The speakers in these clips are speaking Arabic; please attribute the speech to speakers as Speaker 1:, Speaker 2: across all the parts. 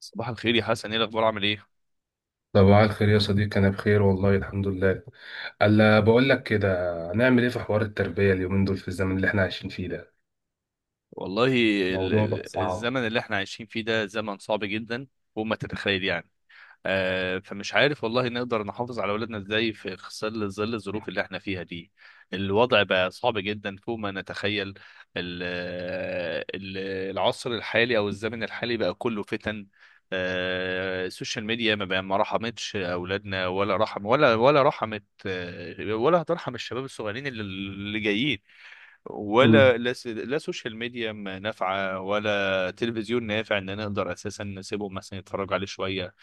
Speaker 1: صباح الخير يا حسن، ايه الاخبار؟ عامل ايه؟
Speaker 2: صباح الخير يا صديقي، أنا بخير والله الحمد لله. ألا بقول لك كده، هنعمل إيه في حوار التربية اليومين دول في الزمن اللي إحنا عايشين فيه ده؟
Speaker 1: والله
Speaker 2: موضوع بقى صعب.
Speaker 1: الزمن اللي احنا عايشين فيه ده زمن صعب جدا. وما تتخيل يعني. فمش عارف والله نقدر نحافظ على اولادنا ازاي في ظل الظروف اللي احنا فيها دي. الوضع بقى صعب جدا فوق ما نتخيل. ال- ال- العصر الحالي او الزمن الحالي بقى كله فتن. السوشيال ميديا ما بقى ما رحمتش اولادنا ولا رحم ولا رحمت، ولا هترحم الشباب الصغيرين اللي جايين.
Speaker 2: امم
Speaker 1: ولا لا، لا سوشيال ميديا ما نافعة ولا تلفزيون نافع ان انا اقدر اساسا نسيبهم مثلا يتفرجوا عليه شوية.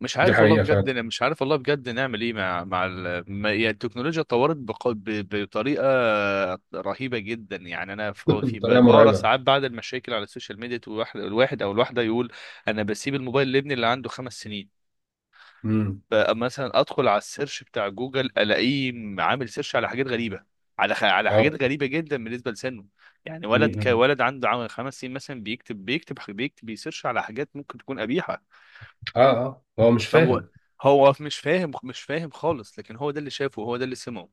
Speaker 1: مش
Speaker 2: دي
Speaker 1: عارف والله
Speaker 2: حقيقة
Speaker 1: بجد.
Speaker 2: فعلا.
Speaker 1: أنا مش عارف والله بجد نعمل ايه مع ال... ما... يعني التكنولوجيا اتطورت بطريقة رهيبة جدا. يعني انا
Speaker 2: بطريقة
Speaker 1: بقرا
Speaker 2: مرعبة.
Speaker 1: ساعات بعد المشاكل على السوشيال ميديا، الواحد او الواحدة يقول: انا بسيب الموبايل لابني اللي عنده 5 سنين.
Speaker 2: امم
Speaker 1: مثلا ادخل على السيرش بتاع جوجل الاقيه عامل سيرش على حاجات غريبه، على
Speaker 2: اه.
Speaker 1: حاجات غريبه جدا بالنسبه لسنه. يعني ولد
Speaker 2: امم
Speaker 1: كولد عنده عام 5 سنين مثلا بيكتب بيسيرش على حاجات ممكن تكون قبيحه.
Speaker 2: اه، اه هو مش
Speaker 1: طب هو
Speaker 2: فاهم.
Speaker 1: مش فاهم خالص، لكن هو ده اللي شافه، هو ده اللي سمعه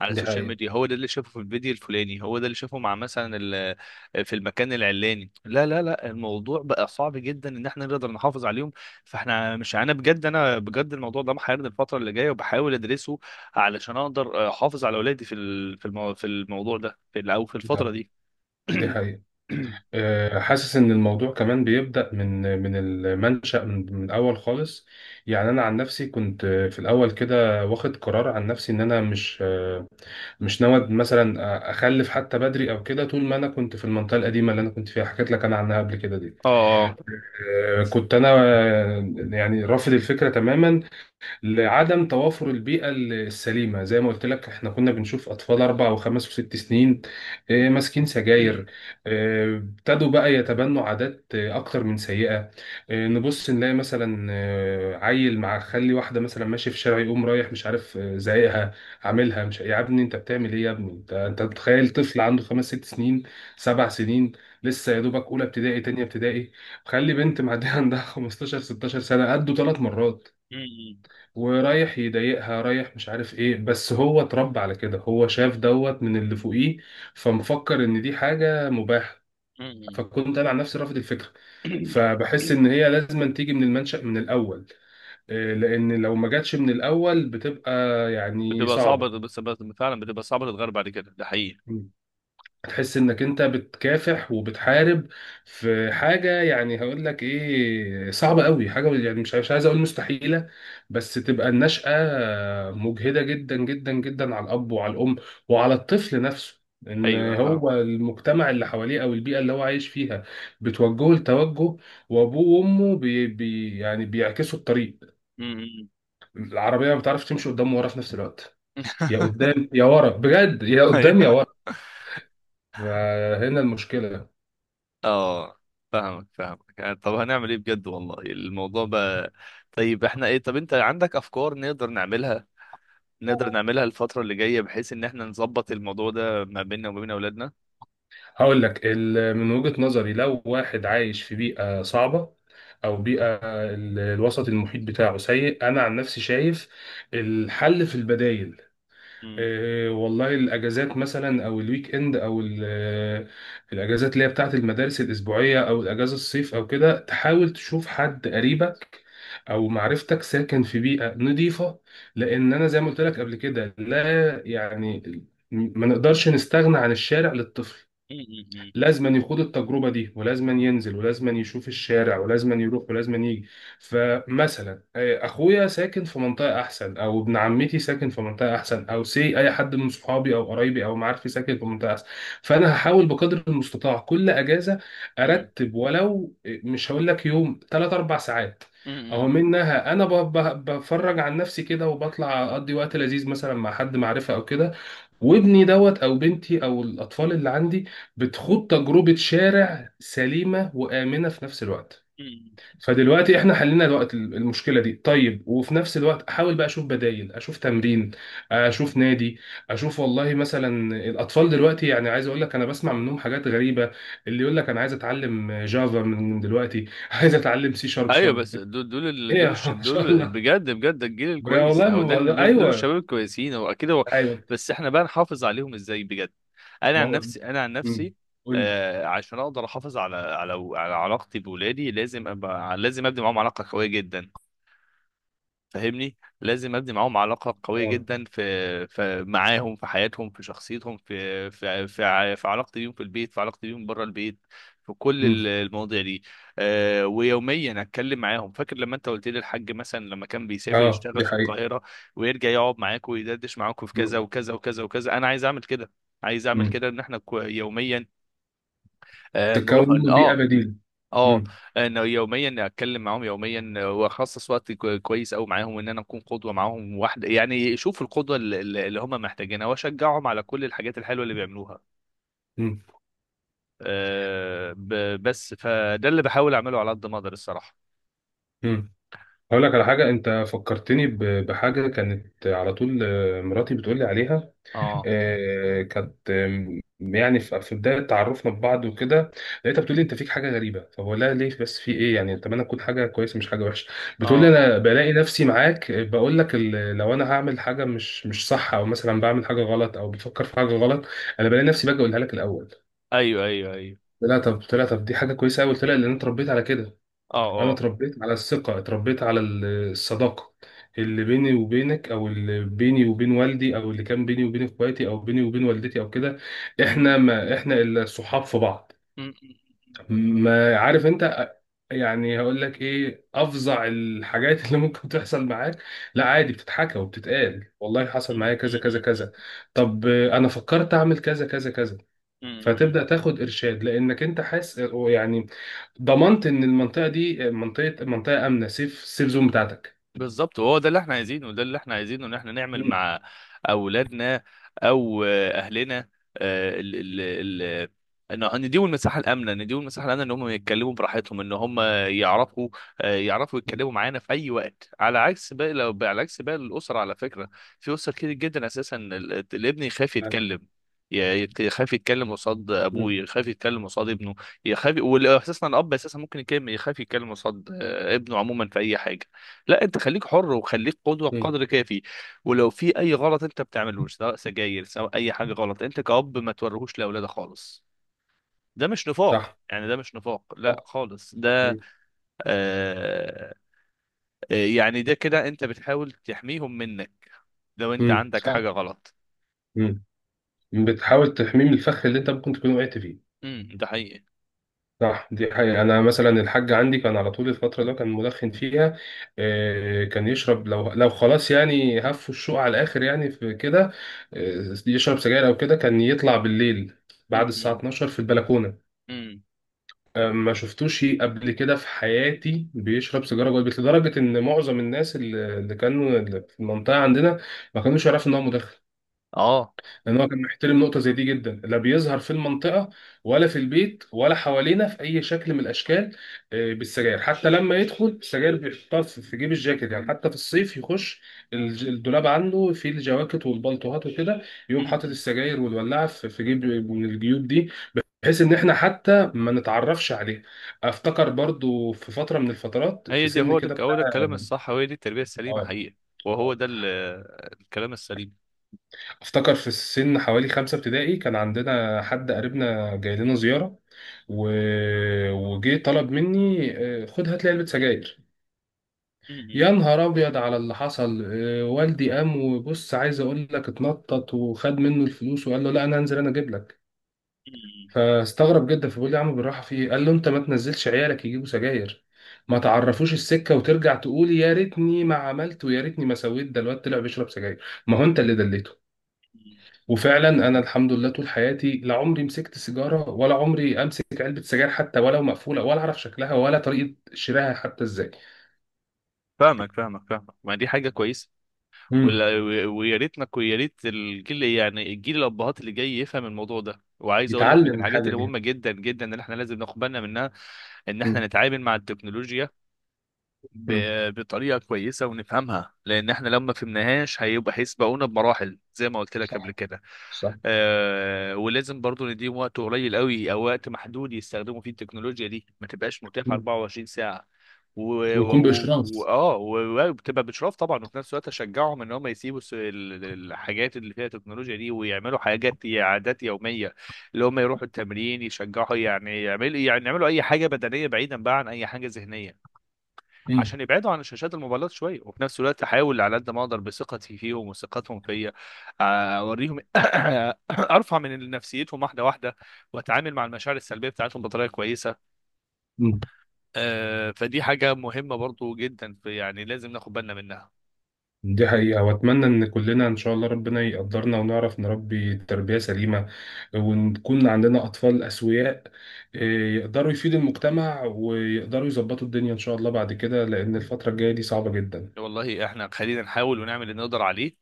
Speaker 1: على
Speaker 2: دي
Speaker 1: السوشيال
Speaker 2: حقيقة.
Speaker 1: ميديا، هو ده اللي شافه في الفيديو الفلاني، هو ده اللي شافه مع مثلا في المكان العلاني. لا لا لا، الموضوع بقى صعب جدا ان احنا نقدر نحافظ عليهم. فاحنا مش انا بجد، الموضوع ده محيرني الفتره اللي جايه، وبحاول ادرسه علشان اقدر احافظ على اولادي في الموضوع ده في ال- او في الفتره
Speaker 2: آه،
Speaker 1: دي.
Speaker 2: دي حقيقة. حاسس إن الموضوع كمان بيبدأ من المنشأ، من الأول خالص. يعني أنا عن نفسي كنت، في الأول كده واخد قرار عن نفسي إن أنا مش ناوي مثلا اخلف حتى بدري او كده، طول ما انا كنت في المنطقه القديمه اللي انا كنت فيها، حكيت لك انا عنها قبل كده دي.
Speaker 1: اه.
Speaker 2: كنت انا، يعني رافض الفكره تماما، لعدم توافر البيئة السليمة. زي ما قلت لك، احنا كنا بنشوف أطفال 4 و5 و6 سنين، ماسكين سجاير. ابتدوا بقى يتبنوا عادات، أكتر من سيئة. نبص نلاقي مثلا، عيل مع خلي واحدة مثلا ماشي في الشارع، يقوم رايح مش عارف، زايقها، عاملها مش، يا ابني أنت بتعمل إيه؟ يا ابني أنت، أنت متخيل طفل عنده 5 6 سنين، 7 سنين، لسه يا دوبك أولى ابتدائي تانية ابتدائي، خلي بنت معدية عندها 15 16 سنة قدوا 3 مرات، ورايح يضايقها، رايح مش عارف ايه. بس هو اتربى على كده، هو شاف دوت من اللي فوقيه، فمفكر ان دي حاجة مباحة. فكنت انا عن نفسي رافض الفكرة. فبحس ان هي لازم تيجي من المنشأ من الاول. إيه، لان لو ما جاتش من الاول بتبقى يعني
Speaker 1: بتبقى صعبة،
Speaker 2: صعبة.
Speaker 1: بس فعلا بتبقى صعبة، تتغير بعد كده، ده حقيقي.
Speaker 2: هتحس انك انت بتكافح وبتحارب في حاجه. يعني هقول لك ايه، صعبه قوي حاجه، يعني مش عايز اقول مستحيله، بس تبقى النشأة مجهده جدا جدا جدا على الاب وعلى الام وعلى الطفل نفسه. ان
Speaker 1: ايوه فاهم.
Speaker 2: هو المجتمع اللي حواليه او البيئه اللي هو عايش فيها بتوجهه لتوجه، وابوه وامه بي بي يعني بيعكسوا الطريق. العربيه ما بتعرفش تمشي قدام ورا في نفس الوقت، يا قدام يا ورا، بجد يا قدام يا
Speaker 1: ايوه.
Speaker 2: ورا. هنا المشكله.
Speaker 1: اه، فاهمك يعني. طب هنعمل ايه بجد؟ والله الموضوع بقى... طيب احنا ايه؟ طب انت عندك افكار نقدر نعملها، نقدر نعملها الفترة اللي جاية بحيث ان احنا نظبط الموضوع ده ما بيننا وما بين اولادنا؟
Speaker 2: هقول لك، من وجهة نظري لو واحد عايش في بيئة صعبة، او بيئة الوسط المحيط بتاعه سيء، انا عن نفسي شايف الحل في البدايل.
Speaker 1: مم.
Speaker 2: إيه والله، الاجازات مثلا او الويك اند او الاجازات اللي هي بتاعت المدارس الاسبوعية، او الاجازة الصيف او كده، تحاول تشوف حد قريبك او معرفتك ساكن في بيئة نظيفة. لان انا زي ما قلت لك قبل كده، لا يعني ما نقدرش نستغنى عن الشارع للطفل.
Speaker 1: مم.
Speaker 2: لازما يخوض التجربة دي، ولازما ينزل، ولازما يشوف الشارع، ولازما يروح ولازما يجي. فمثلا، أخويا ساكن في منطقة أحسن، أو ابن عمتي ساكن في منطقة أحسن، أو سي أي حد من صحابي أو قرايبي أو معارفي ساكن في منطقة أحسن. فأنا هحاول بقدر المستطاع كل أجازة
Speaker 1: مم.
Speaker 2: أرتب، ولو مش هقول لك يوم، 3 4 ساعات. اهو
Speaker 1: مم.
Speaker 2: منها انا بفرج عن نفسي كده، وبطلع اقضي وقت لذيذ مثلا مع حد معرفه او كده، وابني دوت او بنتي او الاطفال اللي عندي بتخوض تجربه شارع سليمه وامنه في نفس الوقت.
Speaker 1: مم.
Speaker 2: فدلوقتي احنا حلينا الوقت المشكله دي، طيب وفي نفس الوقت احاول بقى اشوف بدايل، اشوف
Speaker 1: مم.
Speaker 2: تمرين، اشوف نادي. اشوف والله، مثلا الاطفال دلوقتي يعني عايز اقول لك، انا بسمع منهم حاجات غريبه، اللي يقول لك انا عايز اتعلم جافا من دلوقتي عايز اتعلم سي شارب
Speaker 1: ايوه،
Speaker 2: شارب
Speaker 1: بس دول دول ال-
Speaker 2: ايه
Speaker 1: دول
Speaker 2: يا
Speaker 1: الش-
Speaker 2: ما شاء
Speaker 1: دول
Speaker 2: الله.
Speaker 1: بجد، الجيل
Speaker 2: بقى
Speaker 1: الكويس
Speaker 2: والله
Speaker 1: او
Speaker 2: ما
Speaker 1: ده، إن
Speaker 2: بهزر.
Speaker 1: دول الشباب
Speaker 2: ايوه.
Speaker 1: الكويسين هو اكيد هو.
Speaker 2: ايوه.
Speaker 1: بس احنا بقى نحافظ عليهم ازاي بجد؟ انا
Speaker 2: ما
Speaker 1: عن
Speaker 2: هو،
Speaker 1: نفسي انا عن
Speaker 2: مم،
Speaker 1: نفسي
Speaker 2: قول لي.
Speaker 1: آه عشان اقدر احافظ على علاقتي بولادي، لازم ابقى لازم ابني معاهم علاقه قويه جدا. فاهمني، لازم ابني معاهم علاقه قويه
Speaker 2: اه،
Speaker 1: جدا في معاهم، في حياتهم، في شخصيتهم، في علاقتي بيهم في البيت، في علاقتي بيهم بره البيت، في كل المواضيع دي. أه، ويوميا اتكلم معاهم. فاكر لما انت قلت لي الحاج مثلا لما كان بيسافر
Speaker 2: اه
Speaker 1: يشتغل
Speaker 2: دي
Speaker 1: في
Speaker 2: حقيقة.
Speaker 1: القاهره، ويرجع يقعد معاك ويدردش معاك في كذا
Speaker 2: مم.
Speaker 1: وكذا وكذا وكذا؟ انا عايز اعمل كده، عايز اعمل
Speaker 2: مم.
Speaker 1: كده ان احنا يوميا نروح.
Speaker 2: تتكون منه بيئة
Speaker 1: اه،
Speaker 2: بديلة.
Speaker 1: اه
Speaker 2: مم.
Speaker 1: انه يوميا اتكلم معاهم يوميا، واخصص وقت كويس قوي معاهم، ان انا اكون قدوه معاهم واحده. يعني شوف القدوه اللي هم محتاجينها، واشجعهم على كل الحاجات الحلوه اللي بيعملوها.
Speaker 2: مم.
Speaker 1: أه، بس فده اللي بحاول اعمله على قد ما اقدر الصراحه.
Speaker 2: مم. هقول لك على حاجة، أنت فكرتني بحاجة كانت على طول. مراتي بتقول لي عليها.
Speaker 1: اه،
Speaker 2: كانت، يعني في بداية تعرفنا ببعض وكده، لقيتها بتقول لي، أنت فيك حاجة غريبة. فبقول لها ليه بس، في إيه يعني؟ أتمنى تكون حاجة كويسة مش حاجة وحشة. بتقول لي،
Speaker 1: اه،
Speaker 2: أنا بلاقي نفسي معاك، بقول لك لو أنا هعمل حاجة مش صح، أو مثلا بعمل حاجة غلط أو بفكر في حاجة غلط، أنا بلاقي نفسي باجي أقولها لك الأول.
Speaker 1: ايوه ايوه ايوه،
Speaker 2: لا طب طلع، طب دي حاجه كويسه قوي. طلع لان انا اتربيت على كده، انا
Speaker 1: اه
Speaker 2: اتربيت على الثقه، اتربيت على الصداقه، اللي بيني وبينك، او اللي بيني وبين والدي، او اللي كان بيني وبين اخواتي، او بيني وبين والدتي او كده. احنا ما احنا الا صحاب في بعض. ما عارف انت، يعني هقول لك ايه، افظع الحاجات اللي ممكن تحصل معاك، لا عادي، بتتحكى وبتتقال. والله حصل معايا كذا كذا كذا، طب انا فكرت اعمل كذا كذا كذا.
Speaker 1: اه،
Speaker 2: فتبدأ تاخد إرشاد، لأنك أنت حاسس يعني ضمنت إن المنطقة دي منطقة آمنة، سيف سيف زون بتاعتك.
Speaker 1: بالظبط. وهو ده اللي احنا عايزينه، وده اللي احنا عايزينه ان احنا نعمل
Speaker 2: مم.
Speaker 1: مع اولادنا او اهلنا. آه، ال ال ال ان إن نديهم المساحه الامنه، نديهم المساحه الامنه ان هم يتكلموا براحتهم، ان هم يعرفوا، يعرفوا يتكلموا معانا في اي وقت، على عكس باقي الاسر على فكره. في اسر كتير جدا اساسا الابن يخاف يتكلم، ي- يخاف يتكلم قصاد
Speaker 2: مم.
Speaker 1: ابوه، يخاف يتكلم قصاد ابنه، يخاف. واساسا الاب اساسا ممكن يتكلم، يخاف يتكلم قصاد ابنه عموما في اي حاجه. لا انت خليك حر، وخليك قدوه
Speaker 2: مم.
Speaker 1: بقدر كافي. ولو في اي غلط انت بتعملوش، سواء سجاير سواء اي حاجه غلط، انت كأب ما توريهوش لاولادك خالص. ده مش
Speaker 2: صح.
Speaker 1: نفاق يعني، ده مش نفاق لا
Speaker 2: صح.
Speaker 1: خالص ده.
Speaker 2: مم.
Speaker 1: آه آه، يعني ده كده انت بتحاول تحميهم منك لو انت
Speaker 2: مم.
Speaker 1: عندك
Speaker 2: صح.
Speaker 1: حاجه غلط.
Speaker 2: مم. بتحاول تحميه من الفخ اللي أنت ممكن تكون وقعت فيه.
Speaker 1: امم. ده حقيقي.
Speaker 2: صح دي حقيقة. أنا مثلا الحاج عندي كان على طول، الفترة اللي هو كان مدخن فيها، كان يشرب، لو خلاص يعني، هفوا الشوق على الآخر يعني، في كده يشرب سجاير أو كده، كان يطلع بالليل بعد الساعة
Speaker 1: امم.
Speaker 2: 12 في البلكونة.
Speaker 1: امم.
Speaker 2: ما شفتوش قبل كده في حياتي بيشرب سيجاره جوه البيت، لدرجه ان معظم الناس اللي كانوا اللي في المنطقه عندنا، ما كانوش يعرفوا ان هو مدخن.
Speaker 1: اه.
Speaker 2: لان هو كان محترم نقطه زي دي جدا، لا بيظهر في المنطقه، ولا في البيت، ولا حوالينا في اي شكل من الاشكال. بالسجاير حتى، لما يدخل السجاير بيحطها في جيب الجاكيت، يعني حتى في الصيف يخش الدولاب عنده، فيه الجواكت والبلطوهات وكده، يقوم حاطط
Speaker 1: امم.
Speaker 2: السجاير والولاعه في جيب من الجيوب دي، بحيث ان احنا حتى ما نتعرفش عليه. افتكر برضو في فتره من الفترات
Speaker 1: هي
Speaker 2: في
Speaker 1: دي،
Speaker 2: سن كده
Speaker 1: هو
Speaker 2: بتاع،
Speaker 1: ده الكلام الصح، وهي دي التربيه
Speaker 2: اه،
Speaker 1: السليمه حقيقي. وهو
Speaker 2: آه.
Speaker 1: ده الكلام السليم.
Speaker 2: افتكر في السن حوالي 5 ابتدائي، كان عندنا حد قريبنا جاي لنا زياره، و... وجه طلب مني، خد هات لي علبه سجاير. يا نهار ابيض على اللي حصل، والدي قام وبص، عايز اقول لك اتنطط، وخد منه الفلوس وقال له، لا انا هنزل انا اجيب لك.
Speaker 1: امم.
Speaker 2: فاستغرب جدا، فبيقول لي يا عم بالراحه في ايه؟ قال له، انت ما تنزلش عيالك يجيبوا سجاير، ما تعرفوش السكه، وترجع تقولي يا ريتني ما عملت ويا ريتني ما سويت، ده الواد طلع بيشرب سجاير، ما هو انت اللي دليته. وفعلا انا الحمد لله طول حياتي، لا عمري مسكت سيجاره، ولا عمري امسك علبه سجاير حتى ولو مقفوله، ولا اعرف شكلها ولا طريقه شرائها حتى ازاي.
Speaker 1: فاهمك ما دي حاجة كويسة.
Speaker 2: امم.
Speaker 1: ولا- ويا ريتنا، ويا ريت الجيل يعني الجيل الأبهات اللي جاي يفهم الموضوع ده. وعايز أقول لك من
Speaker 2: يتعلم
Speaker 1: الحاجات
Speaker 2: الحاجه
Speaker 1: اللي
Speaker 2: دي.
Speaker 1: مهمة جدا جدا اللي احنا لازم ناخد بالنا منها، إن احنا
Speaker 2: امم.
Speaker 1: نتعامل مع التكنولوجيا
Speaker 2: امم.
Speaker 1: بطريقه كويسه ونفهمها، لان احنا لو ما فهمناهاش هيبقى هيسبقونا بمراحل زي ما قلت لك قبل
Speaker 2: صح.
Speaker 1: كده.
Speaker 2: صح.
Speaker 1: آه، ولازم برضو نديهم وقت قليل قوي او وقت محدود يستخدموا فيه التكنولوجيا دي، ما تبقاش متاحه
Speaker 2: مم.
Speaker 1: 24 ساعه و
Speaker 2: ويكون باشراف.
Speaker 1: وبتبقى باشراف طبعا، وفي نفس الوقت اشجعهم ان هم يسيبوا الحاجات اللي فيها تكنولوجيا دي، ويعملوا حاجات عادات يوميه، اللي هم يروحوا التمرين، يشجعوا يعني يعملوا اي حاجه بدنيه بعيدا بقى عن اي حاجه ذهنيه، عشان يبعدوا عن شاشات الموبايلات شويه. وفي نفس الوقت احاول على قد ما اقدر بثقتي فيهم وثقتهم فيا، اوريهم ارفع من نفسيتهم واحده واحده، واتعامل مع المشاعر السلبيه بتاعتهم بطريقه كويسه.
Speaker 2: امم
Speaker 1: فدي حاجه مهمه برضو جدا، في يعني لازم ناخد بالنا منها.
Speaker 2: دي حقيقة. وأتمنى إن كلنا إن شاء الله ربنا يقدرنا ونعرف نربي تربية سليمة، ونكون عندنا أطفال أسوياء، إيه، يقدروا يفيدوا المجتمع ويقدروا يظبطوا الدنيا إن شاء الله بعد كده، لأن الفترة الجاية دي صعبة جدا.
Speaker 1: والله احنا خلينا نحاول ونعمل اللي نقدر عليه،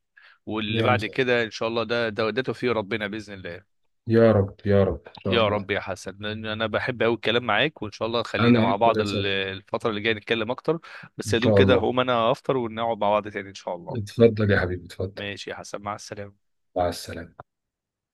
Speaker 1: واللي
Speaker 2: يا
Speaker 1: بعد
Speaker 2: مساء.
Speaker 1: كده ان شاء الله ده توفيق ربنا باذن الله.
Speaker 2: يا رب يا رب إن شاء
Speaker 1: يا
Speaker 2: الله.
Speaker 1: رب يا حسن، لان انا بحب قوي الكلام معاك. وان شاء الله خلينا
Speaker 2: أنا
Speaker 1: مع
Speaker 2: أكتر
Speaker 1: بعض
Speaker 2: يا صديقي.
Speaker 1: الفتره اللي جايه نتكلم اكتر. بس
Speaker 2: إن
Speaker 1: يا دوب
Speaker 2: شاء
Speaker 1: كده
Speaker 2: الله.
Speaker 1: هقوم انا افطر ونقعد مع بعض تاني ان شاء الله.
Speaker 2: اتفضل يا حبيبي اتفضل.
Speaker 1: ماشي يا حسن، مع السلامه.
Speaker 2: مع السلامة.